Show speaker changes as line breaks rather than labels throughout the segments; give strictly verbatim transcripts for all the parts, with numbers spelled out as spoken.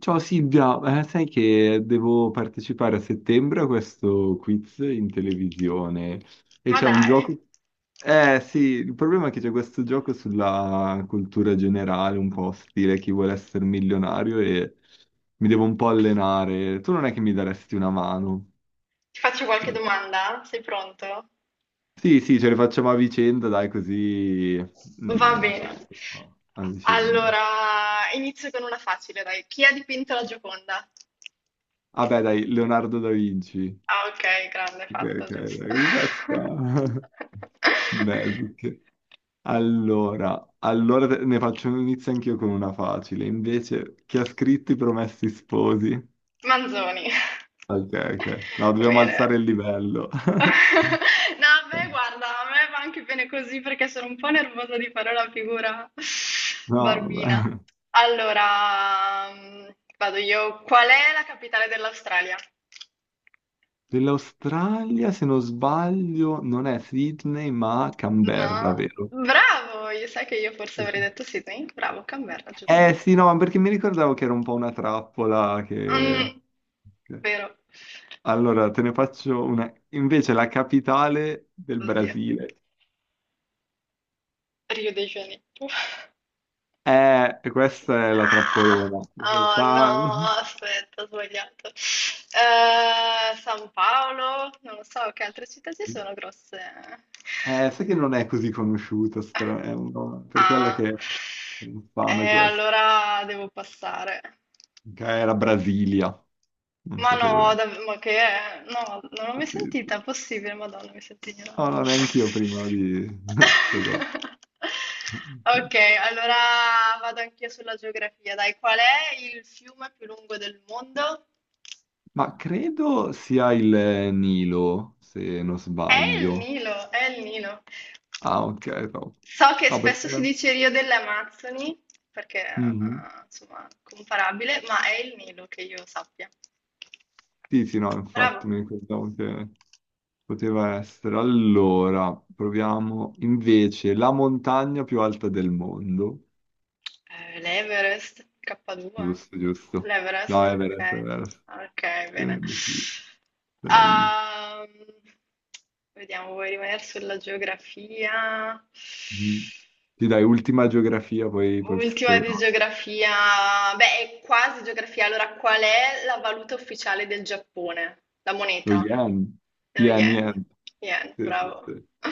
Ciao Silvia, eh, sai che devo partecipare a settembre a questo quiz in televisione e
Ma
c'è un
dai,
gioco. Eh sì, il problema è che c'è questo gioco sulla cultura generale, un po' stile chi vuole essere milionario e mi devo un po' allenare. Tu non è che mi daresti una mano?
ti faccio qualche
Eh,
domanda? Sei pronto?
Sì, sì, ce le facciamo a vicenda, dai, così.
Va
Mm, ce le
bene.
facciamo a vicenda.
Allora, inizio con una facile, dai. Chi ha dipinto la Gioconda?
Vabbè, dai, Leonardo da Vinci.
Ah, ok, grande
Ok,
fatto, giusto.
ok, questa... Basic. Allora, allora te- ne faccio un inizio anch'io con una facile. Invece, chi ha scritto I Promessi Sposi?
Manzoni.
Ok, ok. No, dobbiamo
Bene.
alzare il livello.
No, beh, guarda, a me va anche bene così perché sono un po' nervosa di fare la figura
No,
barbina.
vabbè.
Allora, mm, vado io. Qual è la capitale dell'Australia?
Dell'Australia, se non sbaglio, non è Sydney, ma Canberra,
No,
vero?
bravo, io sai che io forse avrei detto Sydney? Bravo, Canberra, giusto.
Eh sì, no, ma perché mi ricordavo che era un po' una trappola che...
Mm, vero.
Allora, te ne faccio una. Invece la capitale del
Oddio,
Brasile.
Rio de Janeiro.
Eh, questa è la
Ah!
trappolona. In
Oh no,
realtà,
aspetta, ho sbagliato. Eh, San Paolo, non lo so che altre città ci sono grosse.
eh, sai che non è così conosciuta, stra- è un nome- per quella
Ah,
che è infame
e
questa.
allora devo passare.
Che era Brasilia, non
Ma
sapevo
no,
neanche.
dav- ma che è? No, non l'ho
Sì,
mai
sì.
sentita, è possibile, Madonna, mi sento
No,
ignorante.
no, neanche io prima di sto co-
Ok, allora vado anch'io sulla geografia. Dai, qual è il fiume più lungo del mondo?
ma credo sia il Nilo, se non
È il
sbaglio.
Nilo, è il Nilo.
Ah, ok, no.
So che
No,
spesso si
perché...
dice Rio delle Amazzoni, perché
Mhm.
eh, insomma, comparabile, ma è il Nilo che io sappia.
Sì, sì, no,
Bravo.
infatti mi ricordavo che poteva essere. Allora, proviamo invece la montagna più alta del mondo.
Eh, l'Everest, K due,
Giusto, giusto. No,
l'Everest,
Everest,
ok.
Everest.
Ok,
Io
bene.
invece della Is.
Ehm, vediamo, vuoi rimanere sulla geografia?
Mm. Sì, dai, ultima geografia, poi pro-
Ultima di
proviamo.
geografia, beh, è quasi geografia. Allora, qual è la valuta ufficiale del Giappone? La
Lo
moneta?
yen.
Lo
Yen,
yen.
yen.
Yen,
Sì, sì,
bravo.
sì.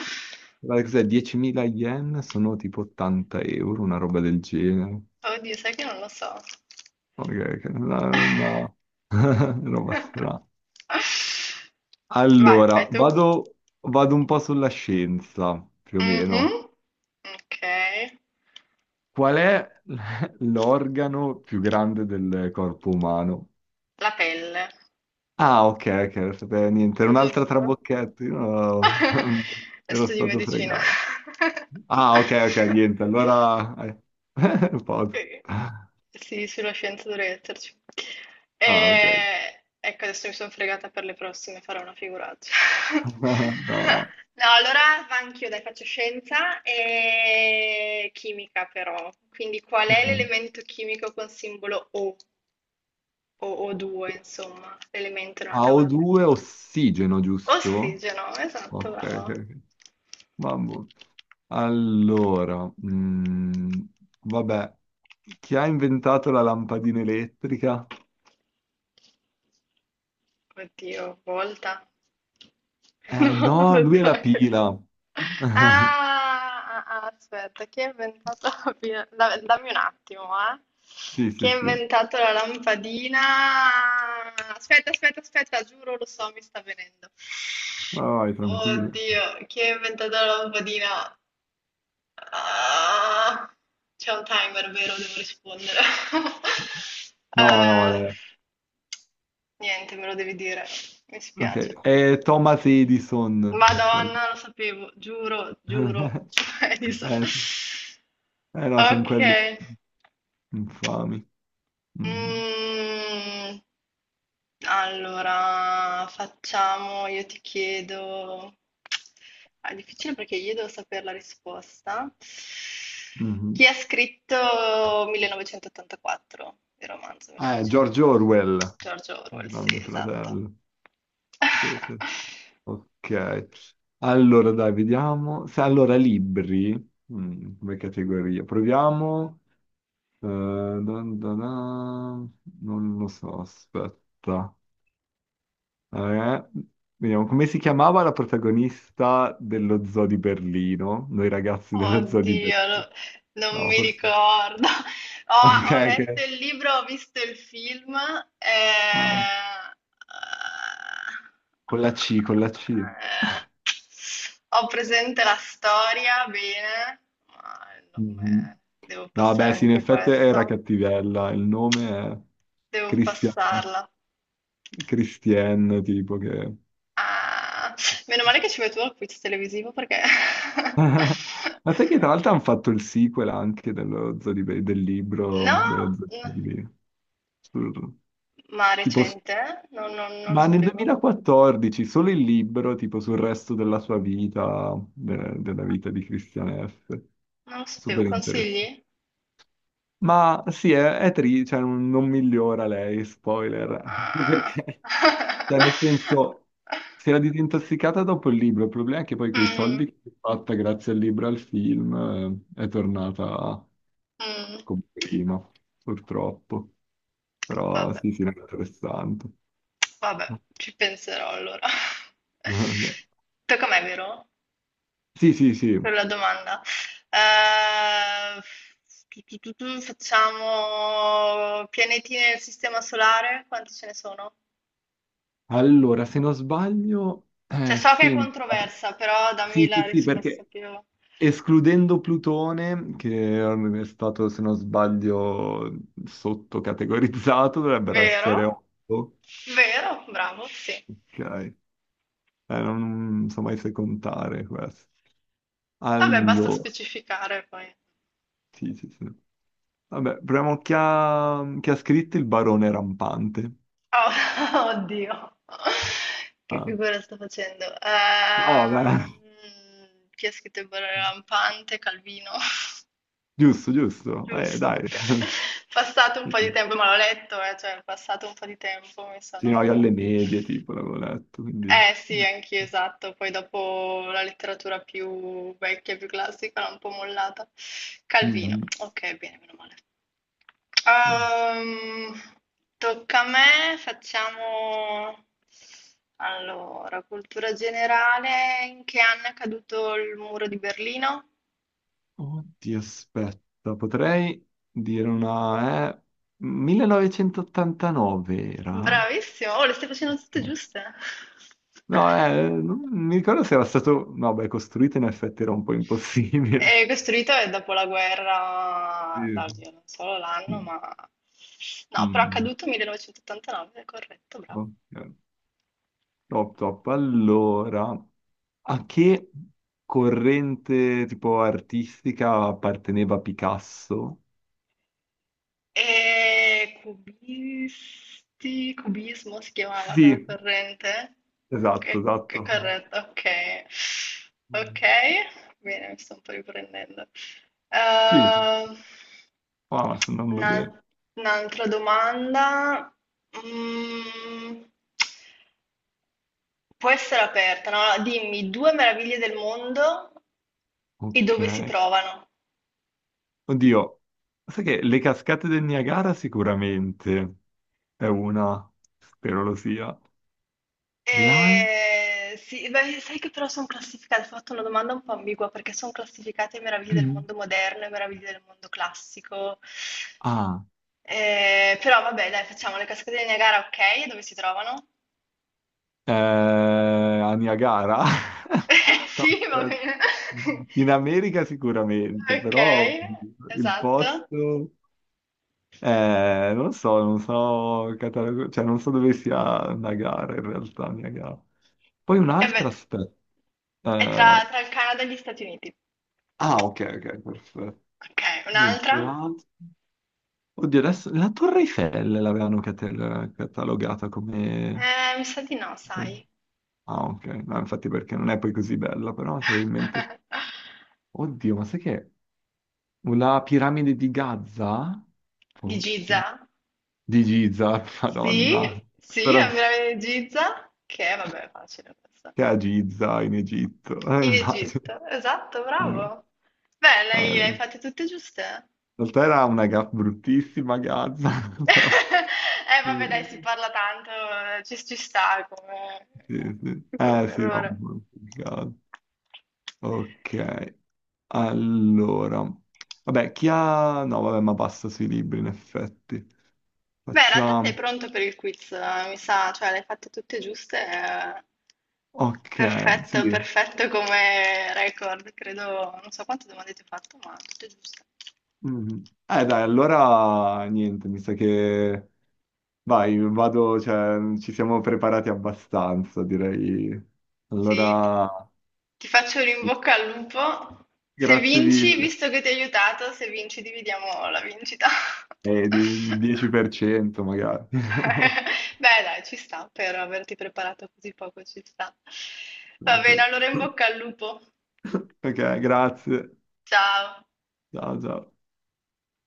Guarda cos'è, diecimila yen sono tipo ottanta euro, una roba del genere.
Oddio, sai che non lo so.
Ok, ok, una, una- roba strana.
Vai, fai
Allora,
tu.
vado, vado un po' sulla scienza, più o meno.
Mhm. Ok.
Qual è l- l'organo più grande del corpo umano?
La pelle,
Ah, ok, ok, non sapevo niente. Era un'altra
giusto?
trabocchetta, io no, ero
Studi
stato
medicina.
fregato. Ah, ok, ok, niente, allora... eh, posso.
Eh, sì, sulla scienza dovrei esserci.
Ah, ok.
E... Ecco, adesso mi sono fregata per le prossime, farò una figuraccia.
No, va.
No, allora va anch'io, dai, faccio scienza e chimica però. Quindi qual è
Mm.
l'elemento chimico con simbolo O o O2, insomma, l'elemento in una tavola periodica?
a o due ossigeno, giusto?
Ossigeno, esatto,
Ok, ok,
bravo.
ok. Mamma. Allora, mm, vabbè, chi ha inventato la lampadina elettrica?
Oddio, volta.
Eh
No, ho
no, lui
detto
è la
la cagata.
pila.
Ah, ah, ah, aspetta, chi ha inventato la pila- da- Dammi un attimo, eh.
Sì,
Chi
sì,
ha
sì. Vai,
inventato la lampadina? Aspetta, aspetta, aspetta, giuro, lo so, mi sta venendo.
vai, tranquillo.
Oddio, chi ha inventato la lampadina? Ah, c'è un timer, vero? Devo rispondere.
No, no,
Eh,
vabbè.
niente, me lo devi dire. Mi spiace.
Ok, è Thomas Edison, quello.
Madonna, lo sapevo, giuro, giuro. Edison.
Eh, eh no, sono
Ok.
quelli infami. Mhm,
Mm, allora, facciamo, io ti chiedo... Ah, è difficile perché io devo sapere la risposta.
mhm.
Chi ha scritto millenovecentottantaquattro? Il romanzo
Eh, George
millenovecentottantaquattro.
Orwell,
George Orwell,
il
sì,
Grande
esatto.
Fratello. Sì, sì. Ok, allora dai, vediamo. Se, allora, libri, mm, come categoria, proviamo. Eh, dun dun dun. Non lo so, aspetta. Eh, vediamo, come si chiamava la protagonista dello zoo di Berlino? Noi ragazzi dello zoo di
Oddio,
Berlino.
no- non
No,
mi
forse...
ricordo. Ho,
Ok,
ho letto
ok.
il libro, ho visto il film.
Ah,
eh,
con la C, con la C.
eh, ho presente la storia, bene. ma il
Mhm.
nome- Devo
No,
passare
beh, sì, in
anche
effetti era
questa.
cattivella. Il nome è
Devo
Christiane,
passarla.
Christiane, tipo che...
Ah, meno male che ci vai tu al quiz televisivo perché...
Ma sai che tra l'altro hanno fatto il sequel anche dello Zoo di Be- del libro
No?
dello Zoo di Be- sul-
Ma
Tipo, s-
recente? No, no, non lo
ma nel
sapevo.
duemilaquattordici solo il libro, tipo sul resto della sua vita, de- della vita di Christian F.
Non lo sapevo.
Super interessante.
Consigli?
Ma sì, è, è tri- cioè, non, non migliora lei, spoiler,
Ah.
perché, cioè, nel senso, si era disintossicata dopo il libro, il problema è che poi quei soldi
Mm,
che si è fatta grazie al libro e al film eh, è tornata
mm.
come prima, purtroppo, però
Vabbè,
sì, sì, era interessante.
vabbè, ci penserò allora. Tocca a me, vero?
Sì, sì, sì.
Per la domanda. Eh, tu, tu, tu, tu, facciamo pianeti nel sistema solare? Quanti ce ne sono?
Allora, se non sbaglio,
Cioè,
eh,
so che è
senta.
controversa, però dammi
Sì, sì,
la
sì,
risposta
perché...
più...
Escludendo Plutone, che è stato, se non sbaglio, sottocategorizzato, dovrebbero essere
Vero?
otto.
Vero? Bravo, sì.
Ok. Eh, non so mai se contare questo.
Vabbè, basta
Allora,
specificare poi.
sì, sì, sì. Vabbè, proviamo chi ha, chi ha scritto il Barone Rampante.
Oh, oddio, che
Ah.
figura sto facendo?
Oh, beh.
Ehm, chi ha scritto il Borrello Lampante? Calvino.
Giusto, giusto. Eh,
Giusto,
dai.
ok. Passato un po' di
Sì,
tempo, ma l'ho letto, eh, cioè, passato un po' di tempo mi
sì, no, io
sono...
alle medie, tipo, l'avevo letto, quindi...
Eh sì, anch'io, esatto. Poi dopo la letteratura più vecchia, più classica, l'ho un po' mollata. Calvino,
Mhm.
ok, bene, meno male. Ehm, tocca a me, facciamo allora, cultura generale, in che anno è caduto il muro di Berlino?
Oddio, aspetta, potrei dire una... Eh, millenovecentottantanove era?
Bravissimo, oh, le stai facendo tutte
Ok.
giuste.
No, eh, non mi ricordo se era stato... No, beh, costruito in effetti era un po' impossibile.
È costruito dopo la
Sì.
guerra, no, oddio, non solo l'anno,
Mm,
ma... No, però è
mm,
caduto millenovecentottantanove, è corretto, bravo.
mm. Ok. Top, top. Allora, a che corrente tipo artistica apparteneva Picasso?
E cubisti, cubismo si chiamava quella
Sì,
corrente?
esatto,
Che, che
esatto.
corrente? Ok, ok, bene, mi sto un po' riprendendo.
Sì,
Ehm,
ah, sto andando bene.
un'al- un'altra domanda. Mm, Può essere aperta, no? Allora, dimmi due meraviglie del mondo e
Ok.
dove si trovano.
Oddio, sai che le cascate del Niagara sicuramente è una, spero lo sia. L'al...
Ehm, sì, beh, sai che però son classificate ho fatto una domanda un po' ambigua, perché son classificate meraviglie del mondo moderno e meraviglie del mondo classico.
Ah,
Ehm, però vabbè dai, facciamo le cascate del Niagara, okay, e dove si trovano?
eh, a Niagara?
Eh,
No,
sì, va
aspetta.
bene.
In America sicuramente, però
Okay,
il
esatto.
posto... eh, non so, non so, catalogo- cioè non so dove sia Niagara in realtà, Niagara. Poi
Eh
un'altra
beh.
aspetta.
È
Eh,
tra tra il Canada e gli Stati Uniti.
ah, ok, ok, perfetto.
Okay, un'altra?
Mentre l'altro- Oddio, adesso la Torre Eiffel l'avevano cate- catalogata come...
Eh, mi sa di no, sai.
Ah, ok, no, infatti perché non è poi così bella, però c'avevo in mente... Oddio, ma sai che... La piramide di Gaza?
Di
Forse.
Giza?
Di Giza, madonna.
Sì, sì,
Però
la piramide di Giza, che vabbè, è facile questa.
che a Giza in Egitto. Eh,
In
immagino.
Egitto, esatto,
Eh,
bravo. Beh, lei le hai
In
fatte tutte giuste.
realtà era una ga- bruttissima Gaza, però...
Eh, vabbè, dai, si
Eh,
parla tanto, eh, ci, ci sta come,
sì, sì. Eh
come
sì, no.
errore.
Ok, allora. Vabbè, chi ha... No, vabbè, ma basta sui libri, in effetti.
Beh, in realtà sei
Facciamo...
pronto per il quiz, eh, mi sa, cioè le hai fatte tutte giuste. eh,
Ok, sì.
Perfetto, perfetto come record, credo, non so quante domande ti ho fatto, ma tutte giuste.
Mhm. Eh dai, allora niente, mi sa che... Vai, vado, cioè, ci siamo preparati abbastanza, direi.
Sì, ti
Allora,
ti faccio un in bocca al lupo. Se
grazie
vinci,
mille.
visto che ti ho aiutato, se vinci dividiamo la vincita.
Eh, di- dieci per cento magari.
Beh, dai, ci sta, per averti preparato così poco ci sta. Va bene, allora in bocca al lupo.
Ok, grazie.
Ciao.
Ciao, ciao.